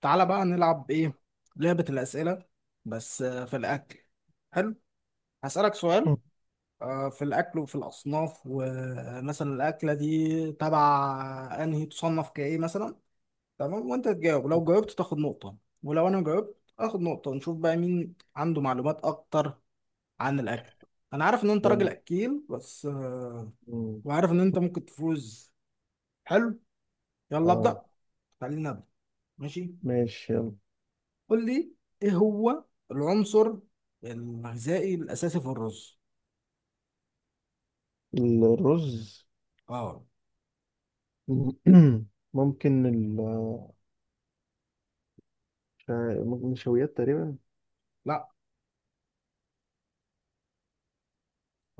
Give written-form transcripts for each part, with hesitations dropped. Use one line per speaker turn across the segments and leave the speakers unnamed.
تعالى بقى نلعب ايه؟ لعبة الأسئلة، بس في الأكل. حلو. هسألك سؤال. في الأكل وفي الأصناف، ومثلا الأكلة دي تبع أنهي، تصنف كإيه مثلا. تمام، وأنت تجاوب، لو جاوبت تاخد نقطة، ولو أنا جاوبت آخد نقطة، ونشوف بقى مين عنده معلومات أكتر عن الأكل. أنا عارف إن أنت راجل
مم.
أكيل، بس
مم.
وعارف إن أنت ممكن تفوز. حلو، يلا
اه،
أبدأ. خلينا نبدأ. ماشي،
ماشي.
قول لي، ايه هو العنصر الغذائي الاساسي في الرز؟
يلا الرز.
اه.
ممكن نشويات تقريبا.
لا.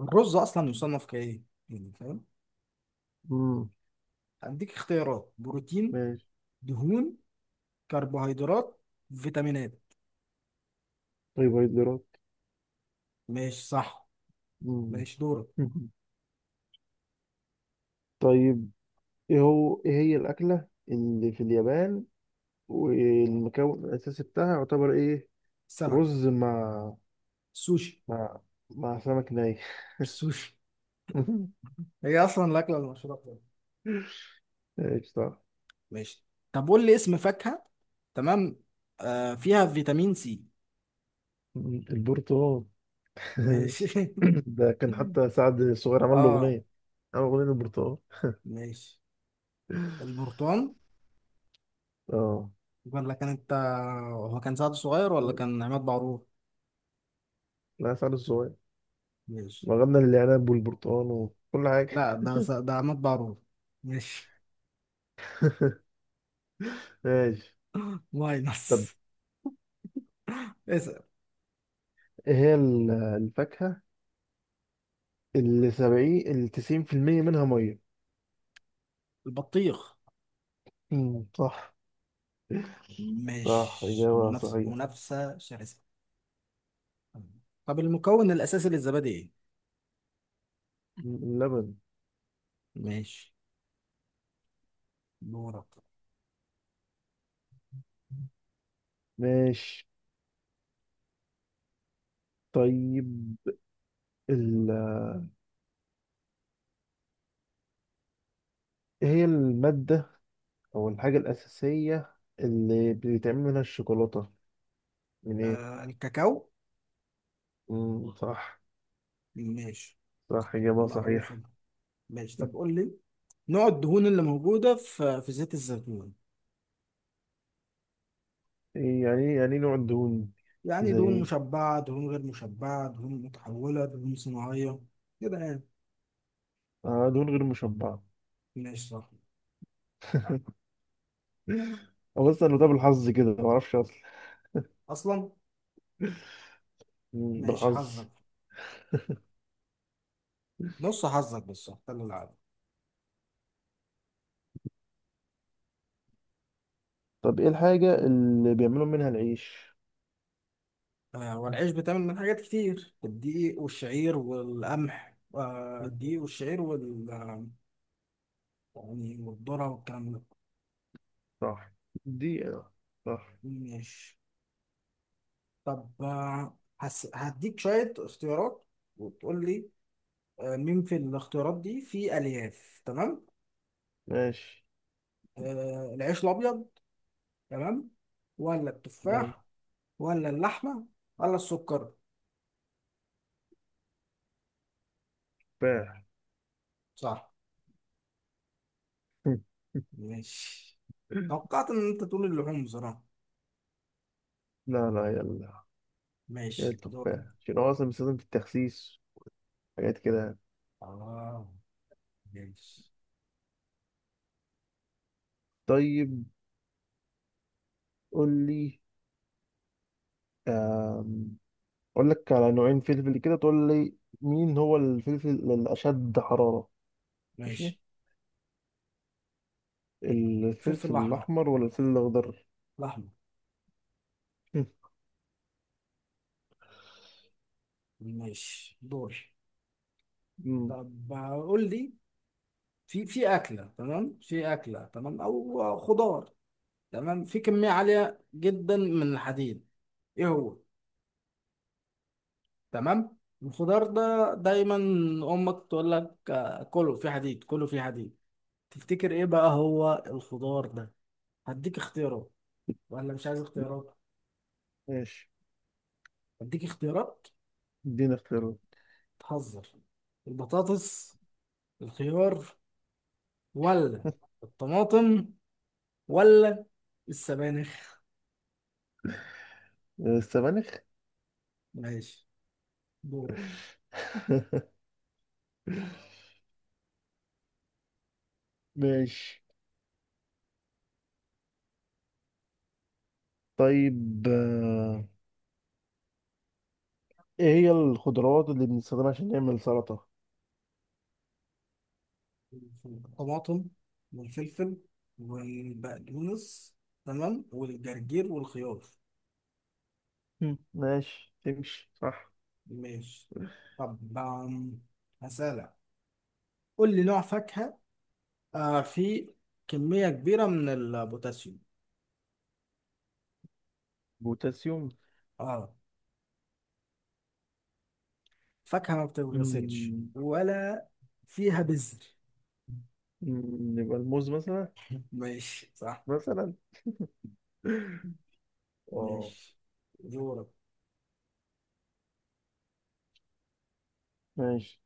الرز اصلا يصنف كايه؟ يعني فاهم.
مم.
هديك اختيارات: بروتين،
ماشي.
دهون، كربوهيدرات، فيتامينات.
طيب هيدرات.
ماشي صح.
مم.
ماشي دورك.
طيب، ايه هي الأكلة اللي في اليابان والمكون الأساسي بتاعها يعتبر ايه؟
سمك.
رز مع
سوشي.
مع سمك ني.
سوشي، هي اصلا الاكله المشهوره بتاعتنا.
ايش؟ صح.
ماشي. طب قول لي اسم فاكهه. تمام، فيها فيتامين سي.
مم. البرتقال.
ماشي.
ده كان حتى سعد الصغير عمل له
اه.
أغنية، عمل أغنية البرتقال.
ماشي. البرتقال.
اه.
ولا كان انت، هو كان سعد صغير ولا كان عماد بعرور؟
لا، فعلا الصغير.
ماشي.
وغنى العنب والبرتقال وكل حاجة.
لا، ده عماد بعرور. ماشي.
ماشي. طب
ماينس. اسأل.
ايه هي الفاكهة اللي سبعين اللي 90% منها مية؟
البطيخ.
مم، صح. صح،
ماشي،
إجابة
منافسة
صحيحة.
منافسة شرسة. طب المكون الأساسي للزبادي ايه؟
اللبن.
ماشي دورك.
ماشي. طيب ال... ايه هي المادة أو الحاجة الأساسية اللي بيتعمل منها الشوكولاتة، من ايه؟
الكاكاو.
مم، صح.
ماشي.
صح، إجابة
معروفة.
صحيحة.
ماشي، طب قول لي نوع الدهون اللي موجودة في زيت الزيتون.
إيه يعني نوع الدهون؟
يعني
زي
دهون
ايه؟
مشبعة، دهون غير مشبعة، دهون متحولة، دهون صناعية. كده يعني.
دهون غير مشبعة.
ماشي صح.
أو بس أنا ده
دورك.
بالحظ كده، ما أعرفش أصلا.
اصلا.
مم،
ماشي
بالحظ.
حظك، نص حظك، بس اختار العادي.
طب إيه الحاجة اللي بيعملوا منها العيش؟
والعيش بتعمل من حاجات كتير، الدقيق والشعير والقمح، آه
مم،
الدقيق والشعير وال يعني والذرة والكلام ده.
صح. دي صح.
ماشي. طب هديك شوية اختيارات وتقول لي، مين في الاختيارات دي فيه ألياف. تمام،
ماشي.
العيش الأبيض، تمام، ولا
أهو.
التفاح، ولا اللحمة، ولا السكر؟
تفاح.
صح. ماشي، توقعت ان انت تقول اللحوم بصراحة.
لا لا، يلا.
ماشي
يا
دور.
التفاح عشان هو أصلا بيستخدم في التخسيس، حاجات كده.
اه. ماشي
طيب قول لي. آم، أقول لك على نوعين فلفل كده تقول لي، مين هو الفلفل الأشد حرارة؟ ماشي.
ماشي
الفلفل
فلفل احمر.
الأحمر ولا الفلفل الأخضر؟
الاحمر. ماشي دور.
مم.
طب قول لي، في اكله، تمام، او خضار، تمام، في كميه عاليه جدا من الحديد. ايه هو؟ تمام، الخضار ده دايما امك تقول لك، كله في حديد، كله في حديد. تفتكر ايه بقى هو الخضار ده؟ هديك اختيارات، ولا مش عايز اختيارات؟
ماشي،
هديك اختيارات.
ادينا اختيارات.
تهزر. البطاطس، الخيار، ولا الطماطم، ولا السبانخ؟
السبانخ.
ماشي دورك.
ماشي. طيب ايه هي الخضروات اللي بنستخدمها عشان نعمل سلطة؟
الطماطم والفلفل والبقدونس، تمام، والجرجير والخيار.
مم. ماشي، تمشي صح.
ماشي، طب هسألك، قول لي نوع فاكهة فيه كمية كبيرة من البوتاسيوم.
بوتاسيوم.
اه، فاكهة ما بتتغسلش
مم.
ولا فيها بذر.
مم، يبقى الموز مثلا.
ماشي صح.
مثلا. اه.
ماشي دورك.
ماشي.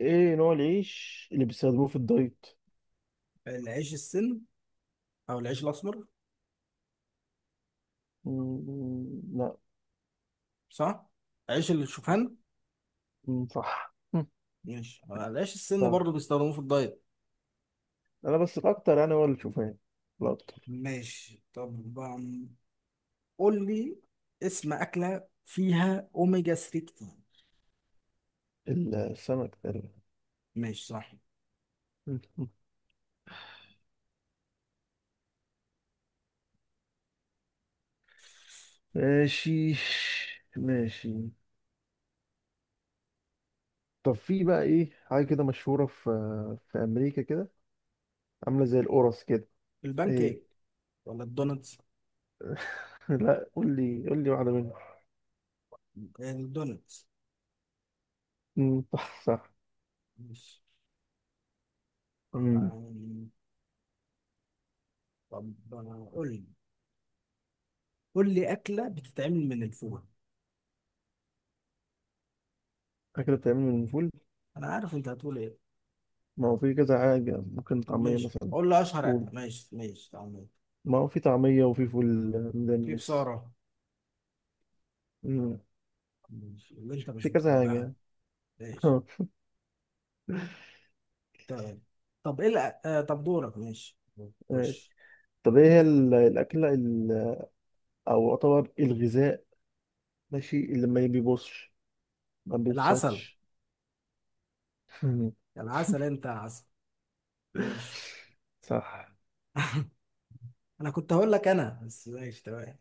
ايه نوع العيش اللي بيستخدموه في الدايت؟
العيش السن، او العيش الاسمر.
مم، لا.
صح. عيش الشوفان.
مم، صح. مم،
ماشي. العيش السن
صح.
برضو بيستخدموه في الدايت.
انا بس الاكتر يعني هو الشوفان، الاكتر.
ماشي طبعا. قول لي اسم اكله فيها اوميجا 3 كتير.
السمك.
ماشي صح.
ماشي. ماشي. طب في بقى ايه حاجة كده مشهورة في أمريكا كده، عاملة زي القرص كده؟
البان
ايه؟
كيك ولا الدونتس؟
لا، قول لي واحدة منهم.
الدونتس.
أمم، صح صح.
ماشي.
أمم،
آم، طب آه، قول لي اكله بتتعمل من الفول.
أكلة بتتعمل من الفول.
انا عارف انت هتقول ايه.
ما هو في كذا حاجة، ممكن طعمية
ماشي،
مثلا.
قول لي اشهر
فول.
اكله. ماشي ماشي تمام.
ما هو في طعمية، وفي فول
في
مدمس.
بصاره.
أمم،
ماشي، اللي انت مش
في كذا
بتحبها.
حاجة.
ماشي. تمام. طب ايه الأ- آه طب دورك. ماشي.
ماشي.
خش.
طب ايه هي الأكلة أو أعتبر الغذاء، ماشي، اللي ما بيبوظش، ما
العسل.
بيفسدش. مم.
العسل، انت عسل. ماشي.
صح.
انا كنت هقول لك انا بس. ماشي تمام.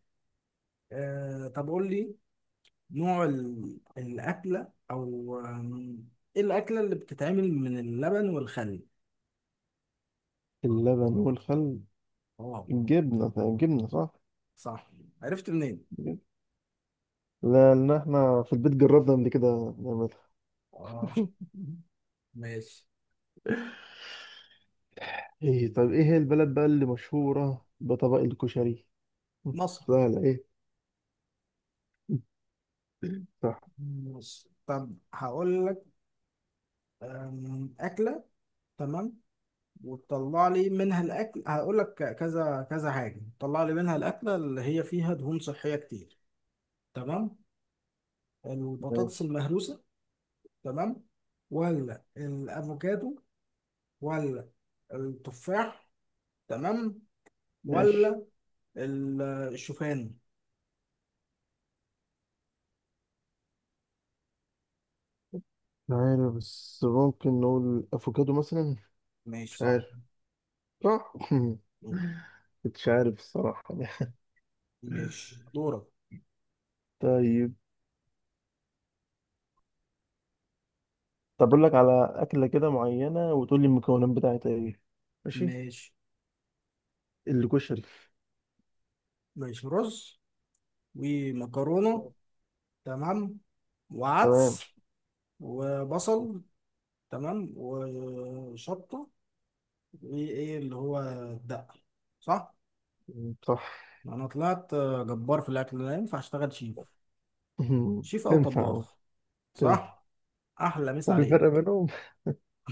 طب قول لي نوع الاكله، او ايه الاكله اللي بتتعمل من اللبن والخل.
اللبن والخل.
اه.
الجبنة، جبنة، صح؟
صح. عرفت منين؟
جبنة. لأن احنا في البيت جربنا قبل كده نعملها.
اه. ماشي.
ايه. طيب ايه هي البلد بقى اللي مشهورة بطبق الكشري؟
مصر.
سهلة ايه؟ صح.
مصر، طب هقول لك اكله، تمام، وتطلع لي منها الاكل، هقول لك كذا كذا حاجه تطلع لي منها الاكله اللي هي فيها دهون صحيه كتير. تمام، البطاطس
ماشي.
المهروسه، تمام، ولا الافوكادو، ولا التفاح، تمام،
ماشي.
ولا ال- الشوفان؟
مش عارف، بس ممكن نقول افوكادو مثلا.
ماشي
مش عارف.
صح.
صح. مش عارف الصراحة.
ماشي دورك.
طيب طب اقول لك على اكله كده معينه وتقول لي المكونات بتاعتها ايه. ماشي.
ماشي.
الكشري.
ماشي رز ومكرونه، تمام،
تمام.
وعدس وبصل، تمام، وشطه. ايه ايه اللي هو، الدقة، صح؟
صح.
انا طلعت جبار في الاكل، لا ينفع اشتغل شيف. شيف او
تنفع.
طباخ،
تنفع.
صح؟ احلى مسا
وفي فرق
عليك.
بينهم؟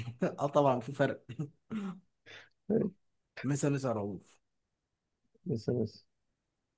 اه طبعا في فرق. مسا مسا رؤوف.
بس بس.